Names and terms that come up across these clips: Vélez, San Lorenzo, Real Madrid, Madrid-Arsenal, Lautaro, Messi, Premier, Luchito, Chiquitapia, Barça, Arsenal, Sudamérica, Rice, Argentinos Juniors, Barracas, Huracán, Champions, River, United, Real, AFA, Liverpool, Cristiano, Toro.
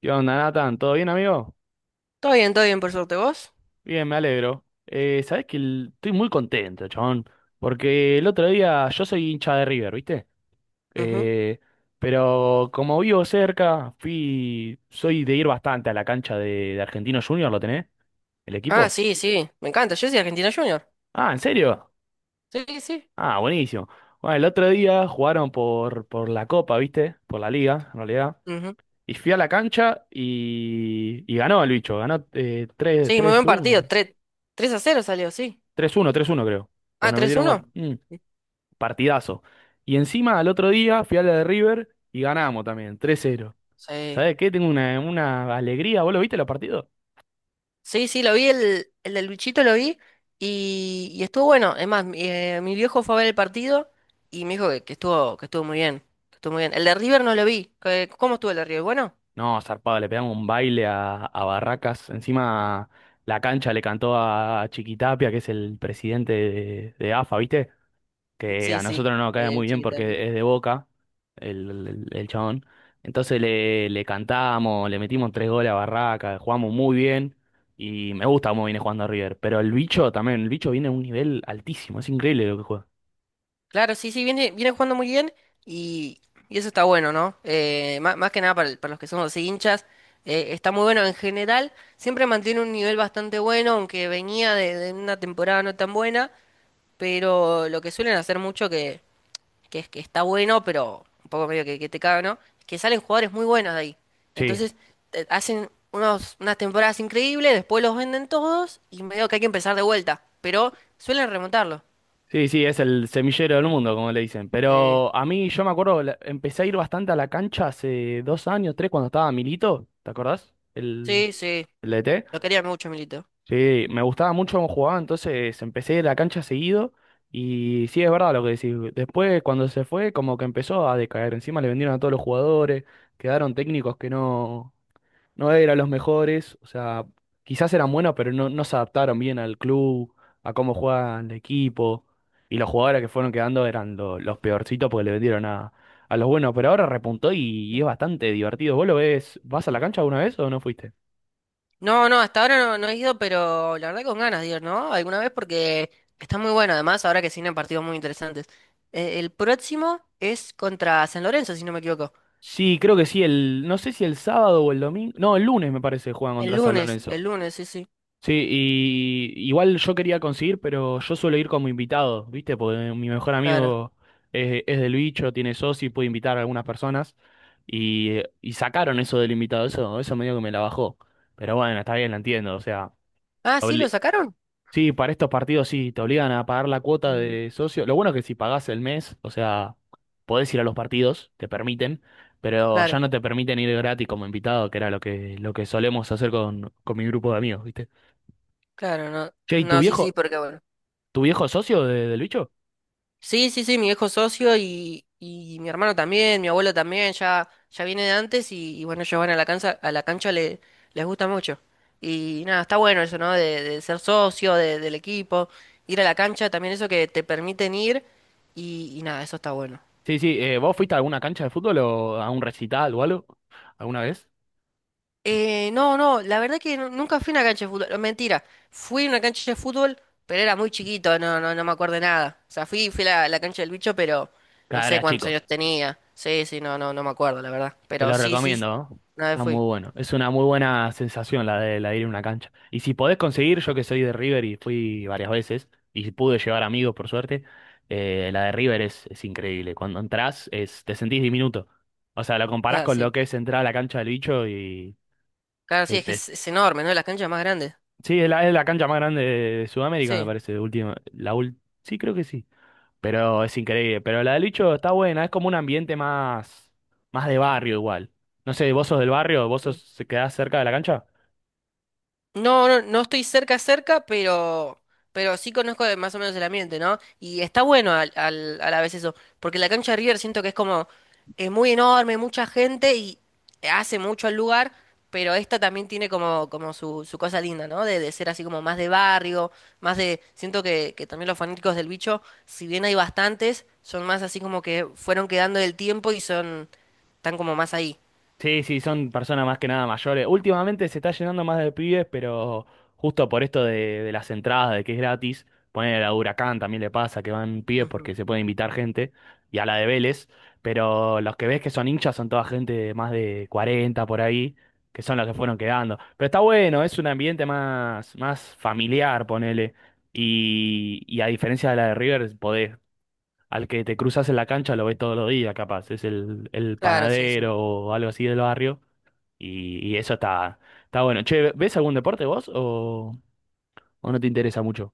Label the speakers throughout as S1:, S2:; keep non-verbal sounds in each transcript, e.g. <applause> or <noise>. S1: ¿Qué onda, Nathan? ¿Todo bien, amigo?
S2: Todo bien, por suerte. ¿Vos?
S1: Bien, me alegro. Sabés que estoy muy contento, chabón. Porque el otro día, yo soy hincha de River, ¿viste?
S2: Ujú.
S1: Eh, pero como vivo cerca, fui, soy de ir bastante a la cancha de Argentinos Juniors, ¿lo tenés? ¿El
S2: Ah,
S1: equipo?
S2: sí, sí. Me encanta. Yo soy Argentina Junior.
S1: Ah, ¿en serio?
S2: Sí, sí.
S1: Ah, buenísimo. Bueno, el otro día jugaron por la Copa, ¿viste? Por la Liga, en realidad.
S2: Ujú.
S1: Y fui a la cancha y ganó el bicho, ganó
S2: Sí, muy
S1: tres
S2: buen partido.
S1: uno.
S2: 3 3 a cero salió, sí.
S1: 3-1, 3-1 creo. Pues
S2: Ah,
S1: nos
S2: tres
S1: metieron gol.
S2: uno.
S1: Partidazo. Y encima al otro día fui a la de River y ganamos también, 3-0.
S2: Sí.
S1: ¿Sabes qué? Tengo una alegría. ¿Vos lo viste los partidos?
S2: Sí, sí, lo vi, el de Luchito lo vi y estuvo bueno. Es más, mi, mi viejo fue a ver el partido y me dijo que estuvo muy bien. Que estuvo muy bien. El de River no lo vi. ¿Cómo estuvo el de River? Bueno.
S1: No, zarpado, le pegamos un baile a Barracas. Encima la cancha le cantó a Chiquitapia, que es el presidente de AFA, ¿viste?, que a
S2: Sí, sí.
S1: nosotros nos cae
S2: El
S1: muy bien
S2: chiquito.
S1: porque es de Boca, el chabón. Entonces le cantamos, le metimos tres goles a Barraca, jugamos muy bien y me gusta cómo viene jugando River. Pero el bicho también, el bicho viene a un nivel altísimo, es increíble lo que juega.
S2: Claro, sí, sí, viene, viene jugando muy bien y, y eso está bueno, ¿no? Más que nada para, para los que somos así hinchas, está muy bueno en general, siempre mantiene un nivel bastante bueno, aunque venía de una temporada no tan buena, pero lo que suelen hacer mucho que es que está bueno, pero un poco medio que te caga, ¿no? Es que salen jugadores muy buenos de ahí.
S1: Sí,
S2: Entonces, hacen unos, unas temporadas increíbles, después los venden todos y medio que hay que empezar de vuelta, pero suelen remontarlo.
S1: sí, sí, es el semillero del mundo, como le dicen.
S2: Sí,
S1: Pero a mí, yo me acuerdo, empecé a ir bastante a la cancha hace dos años, tres, cuando estaba Milito, ¿te acordás? El,
S2: sí, sí.
S1: el DT.
S2: Lo quería mucho, Milito.
S1: Sí, me gustaba mucho cómo jugaba, entonces empecé la cancha seguido y sí, es verdad lo que decís. Después, cuando se fue, como que empezó a decaer, encima le vendieron a todos los jugadores, quedaron técnicos que no eran los mejores, o sea, quizás eran buenos, pero no se adaptaron bien al club, a cómo juegan el equipo, y los jugadores que fueron quedando eran los peorcitos porque le vendieron a los buenos, pero ahora repuntó y
S2: Sí.
S1: es bastante divertido. ¿Vos lo ves? ¿Vas a la cancha alguna vez o no fuiste?
S2: No, no, hasta ahora no, no he ido, pero la verdad con ganas de ir, ¿no? Alguna vez porque está muy bueno, además, ahora que se vienen partidos muy interesantes. El próximo es contra San Lorenzo, si no me equivoco.
S1: Sí, creo que sí, no sé si el sábado o el domingo, no, el lunes me parece, juegan contra San Lorenzo.
S2: El lunes, sí, sí,
S1: Sí, y igual yo quería conseguir, pero yo suelo ir como invitado, ¿viste? Porque mi mejor
S2: claro.
S1: amigo, es del bicho, tiene socio y puede invitar a algunas personas. Y y sacaron eso del invitado, eso medio que me la bajó. Pero bueno, está bien, la entiendo, o sea,
S2: Ah, sí, ¿lo
S1: obli-
S2: sacaron?
S1: sí, para estos partidos sí, te obligan a pagar la cuota
S2: Mm.
S1: de socio. Lo bueno es que si pagás el mes, o sea, podés ir a los partidos, te permiten, pero
S2: Claro,
S1: ya no te permiten ir gratis como invitado, que era lo que solemos hacer con mi grupo de amigos, ¿viste?
S2: claro, no.
S1: Che, ¿y
S2: No, sí, sí, porque bueno.
S1: tu viejo es socio del bicho?
S2: Sí, sí, sí, mi viejo socio y mi hermano también, mi abuelo también, ya, ya viene de antes y bueno, ellos van a la cancha le, les gusta mucho. Y nada, está bueno eso, ¿no? De ser socio del equipo, ir a la cancha, también eso que te permiten ir y nada, eso está bueno.
S1: Sí, sí. ¿Vos fuiste a alguna cancha de fútbol o a un recital o algo? ¿Alguna vez?
S2: No, no, la verdad que nunca fui a una cancha de fútbol. Mentira, fui a una cancha de fútbol, pero era muy chiquito, no, no, no me acuerdo de nada. O sea, fui, fui a la, la cancha del bicho, pero no
S1: Cada
S2: sé
S1: era
S2: cuántos
S1: chico.
S2: años tenía. Sí, sí, no, no, no me acuerdo, la verdad.
S1: Te
S2: Pero
S1: lo
S2: sí, sí,
S1: recomiendo, ¿no?
S2: una vez
S1: Está
S2: fui.
S1: muy bueno. Es una muy buena sensación la de ir a una cancha. Y si podés conseguir, yo que soy de River y fui varias veces, y pude llevar amigos por suerte, la de River es increíble. Cuando entrás, es, te sentís diminuto. O sea, lo comparás
S2: Ah,
S1: con lo
S2: sí.
S1: que es entrar a la cancha del bicho y...
S2: Claro, sí,
S1: te-
S2: es que
S1: te-
S2: es enorme, ¿no? Las canchas más grandes.
S1: sí, es la cancha más grande de Sudamérica, me
S2: Sí.
S1: parece, última. Sí, creo que sí. Pero es increíble. Pero la de Lucho está buena, es como un ambiente más, más de barrio igual. No sé, ¿vos sos del barrio? ¿Vos sos, se quedás cerca de la cancha?
S2: No, no, no estoy cerca, cerca, pero sí conozco más o menos el ambiente, ¿no? Y está bueno al, a la vez eso, porque la cancha de River siento que es como, es muy enorme, mucha gente y hace mucho al lugar, pero esta también tiene como, como su cosa linda, ¿no? De ser así como más de barrio, más de, siento que también los fanáticos del bicho, si bien hay bastantes, son más así como que fueron quedando del tiempo y son, están como más ahí.
S1: Sí, sí, son personas más que nada mayores. Últimamente se está llenando más de pibes, pero justo por esto de las entradas, de que es gratis, poner a Huracán también le pasa que van pibes
S2: Ujú.
S1: porque se puede invitar gente, y a la de Vélez, pero los que ves que son hinchas son toda gente de más de 40 por ahí, que son los que fueron quedando. Pero está bueno, es un ambiente más, más familiar, ponele. Y a diferencia de la de River, podés, al que te cruzas en la cancha, lo ves todos los días, capaz. Es el
S2: Claro, sí, sí.
S1: panadero o algo así del barrio. Y eso está, está bueno. Che, ¿ves algún deporte vos o no te interesa mucho?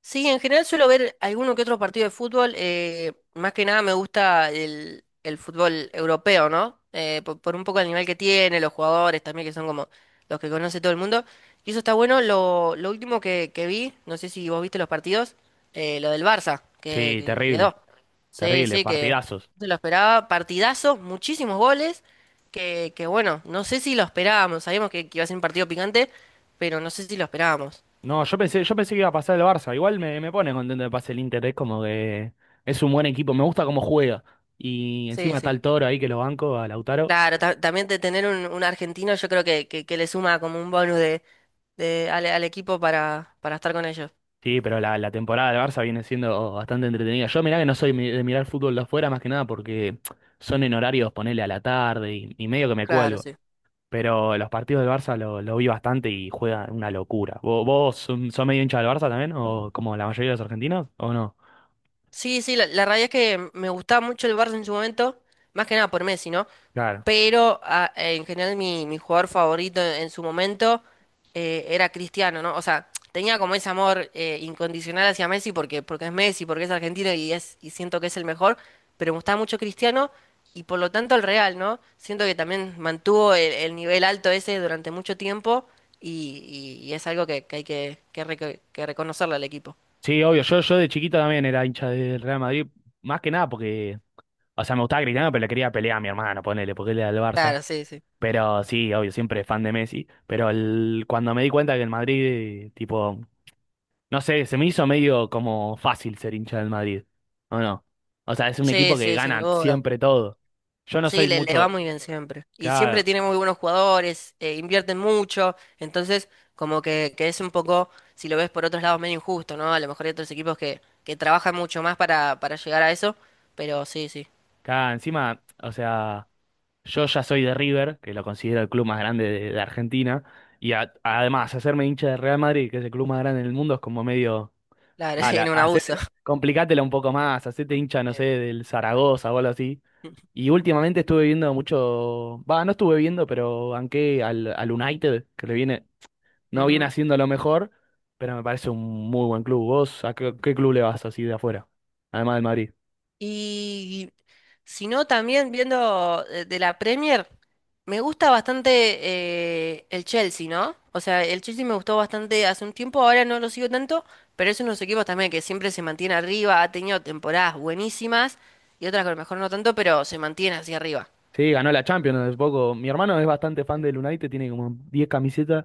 S2: Sí, en general suelo ver alguno que otro partido de fútbol. Más que nada me gusta el fútbol europeo, ¿no? Por un poco el nivel que tiene, los jugadores también, que son como los que conoce todo el mundo. Y eso está bueno. Lo último que vi, no sé si vos viste los partidos, lo del Barça, que,
S1: Sí,
S2: que
S1: terrible,
S2: quedó. Sí,
S1: terrible,
S2: sí, que Sí.
S1: partidazos.
S2: No se lo esperaba. Partidazo, muchísimos goles. Que bueno, no sé si lo esperábamos. Sabíamos que iba a ser un partido picante, pero no sé si lo esperábamos.
S1: No, yo pensé que iba a pasar el Barça. Igual me pone contento de pase el Inter, es como que es un buen equipo, me gusta cómo juega. Y
S2: Sí,
S1: encima está
S2: sí.
S1: el Toro ahí que lo banco, a Lautaro.
S2: Claro, también de tener un argentino yo creo que le suma como un bonus de, al, al equipo para estar con ellos.
S1: Sí, pero la temporada del Barça viene siendo bastante entretenida. Yo mirá que no soy de mirar fútbol de afuera más que nada porque son en horarios, ponele, a la tarde y medio que me
S2: Claro,
S1: cuelgo.
S2: sí.
S1: Pero los partidos del Barça lo vi bastante y juega una locura. ¿Vos, sos medio hincha del Barça también? ¿O como la mayoría de los argentinos? ¿O no?
S2: Sí, sí, la realidad es que me gustaba mucho el Barça en su momento, más que nada por Messi, ¿no?
S1: Claro.
S2: Pero en general mi, mi jugador favorito en su momento era Cristiano, ¿no? O sea, tenía como ese amor incondicional hacia Messi porque, porque es Messi, porque es argentino y, es, y siento que es el mejor, pero me gustaba mucho Cristiano y por lo tanto el Real, ¿no? Siento que también mantuvo el nivel alto ese durante mucho tiempo y, y es algo que hay que, que reconocerle al equipo.
S1: Sí, obvio. Yo de chiquito también era hincha del Real Madrid. Más que nada porque, o sea, me gustaba Cristiano, pero le quería pelear a mi hermano, ponele, porque él era del Barça.
S2: Claro, sí, sí.
S1: Pero sí, obvio, siempre fan de Messi. Pero cuando me di cuenta que el Madrid, tipo, no sé, se me hizo medio como fácil ser hincha del Madrid, ¿o no? O sea, es un equipo
S2: Sí,
S1: que
S2: sí, sin
S1: gana
S2: duda.
S1: siempre todo. Yo no
S2: Sí,
S1: soy
S2: le va
S1: mucho,
S2: muy bien siempre. Y siempre
S1: cada,
S2: tiene muy buenos jugadores, invierten mucho, entonces como que es un poco, si lo ves por otros lados, medio injusto, ¿no? A lo mejor hay otros equipos que trabajan mucho más para llegar a eso, pero sí, sí,
S1: encima, o sea, yo ya soy de River, que lo considero el club más grande de Argentina, y además, hacerme hincha del Real Madrid, que es el club más grande del mundo, es como medio,
S2: claro, <laughs>
S1: dale,
S2: tiene un abuso. <laughs>
S1: complicátela un poco más, hacete hincha, no sé,
S2: Sí.
S1: del Zaragoza o algo así. Y últimamente estuve viendo mucho, va, no estuve viendo, pero banqué al United, que le viene... No viene
S2: Ujú.
S1: haciendo lo mejor, pero me parece un muy buen club. ¿Vos a qué, qué club le vas así de afuera? Además del Madrid.
S2: Y si no, también viendo de la Premier, me gusta bastante el Chelsea, ¿no? O sea, el Chelsea me gustó bastante hace un tiempo, ahora no lo sigo tanto, pero es uno de los equipos también que siempre se mantiene arriba, ha tenido temporadas buenísimas y otras que a lo mejor no tanto, pero se mantiene hacia arriba.
S1: Sí, ganó la Champions hace poco. Mi hermano es bastante fan del United, tiene como 10 camisetas.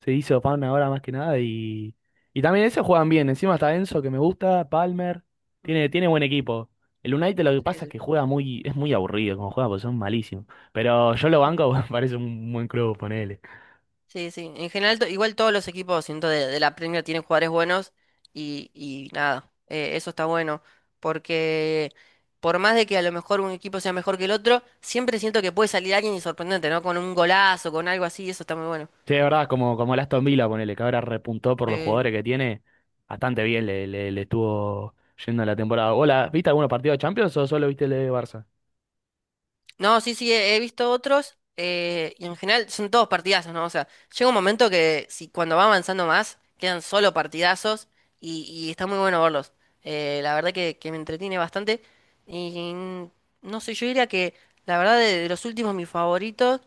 S1: Se hizo fan ahora más que nada y, y también ese juegan bien. Encima está Enzo, que me gusta, Palmer.
S2: Mm,
S1: Tiene buen equipo. El United lo que
S2: sí,
S1: pasa es
S2: sí.
S1: que juega muy, es muy aburrido como juega, porque son malísimos. Pero yo lo banco, <laughs> me parece un buen club, él...
S2: Sí, sí. En general, igual todos los equipos, siento, de la Premier tienen jugadores buenos y nada, eso está bueno. Porque por más de que a lo mejor un equipo sea mejor que el otro, siempre siento que puede salir alguien y sorprendente, ¿no? Con un golazo, con algo así, eso está muy bueno.
S1: Sí, de verdad, como, como el Aston Villa, ponele, que ahora repuntó por los
S2: Eh,
S1: jugadores que tiene, bastante bien le estuvo yendo la temporada. Hola, ¿viste algunos partidos de Champions o solo viste el de Barça?
S2: No, sí, sí, he visto otros y en general son todos partidazos, ¿no? O sea, llega un momento que si cuando va avanzando más quedan solo partidazos y está muy bueno verlos. La verdad que me entretiene bastante y no sé, yo diría que la verdad de los últimos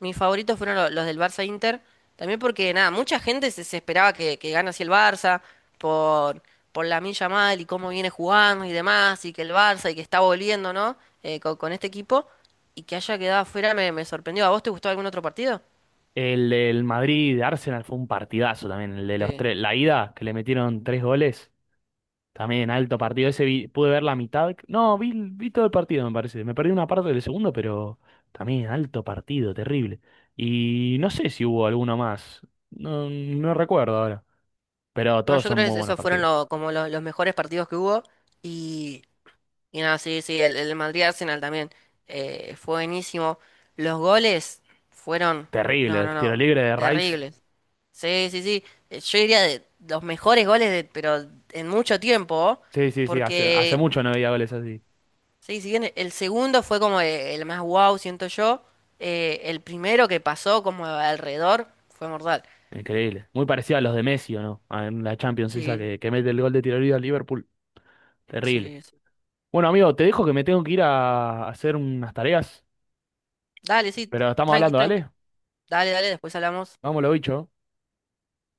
S2: mis favoritos fueron los, del Barça Inter, también porque nada, mucha gente se, se esperaba que gane así el Barça por, por Lamine Yamal y cómo viene jugando y demás y que el Barça y que está volviendo, ¿no? Con este equipo. Y que haya quedado afuera me, me sorprendió. ¿A vos te gustó algún otro partido?
S1: El del Madrid de Arsenal fue un partidazo también, el de los
S2: Sí.
S1: tres. La ida, que le metieron tres goles, también alto partido. Ese pude ver la mitad. No, vi todo el partido, me parece. Me perdí una parte del segundo, pero también alto partido, terrible. Y no sé si hubo alguno más. No, no recuerdo ahora. Pero
S2: No,
S1: todos
S2: yo
S1: son
S2: creo
S1: muy
S2: que
S1: buenos
S2: esos fueron
S1: partidos.
S2: como los mejores partidos que hubo. Y, y nada, sí, sí, el Madrid-Arsenal también fue buenísimo. Los goles fueron, no,
S1: Terrible,
S2: no,
S1: este tiro
S2: no,
S1: libre de Rice.
S2: terribles. Sí, sí, sí. Yo diría de los mejores goles, de, pero en mucho tiempo.
S1: Sí, sí, sí, hace, hace
S2: Porque,
S1: mucho no veía goles así.
S2: sí, si bien el segundo fue como el más wow, siento yo, el primero que pasó como alrededor fue mortal.
S1: Increíble. Muy parecido a los de Messi, ¿o no? En la Champions esa
S2: Sí,
S1: que mete el gol de tiro libre a Liverpool. Terrible.
S2: sí, sí.
S1: Bueno, amigo, te dejo que me tengo que ir a hacer unas tareas,
S2: Dale, sí,
S1: pero estamos
S2: tranqui,
S1: hablando,
S2: tranqui.
S1: ¿dale?
S2: Dale, dale, después hablamos.
S1: Vámonos, bicho.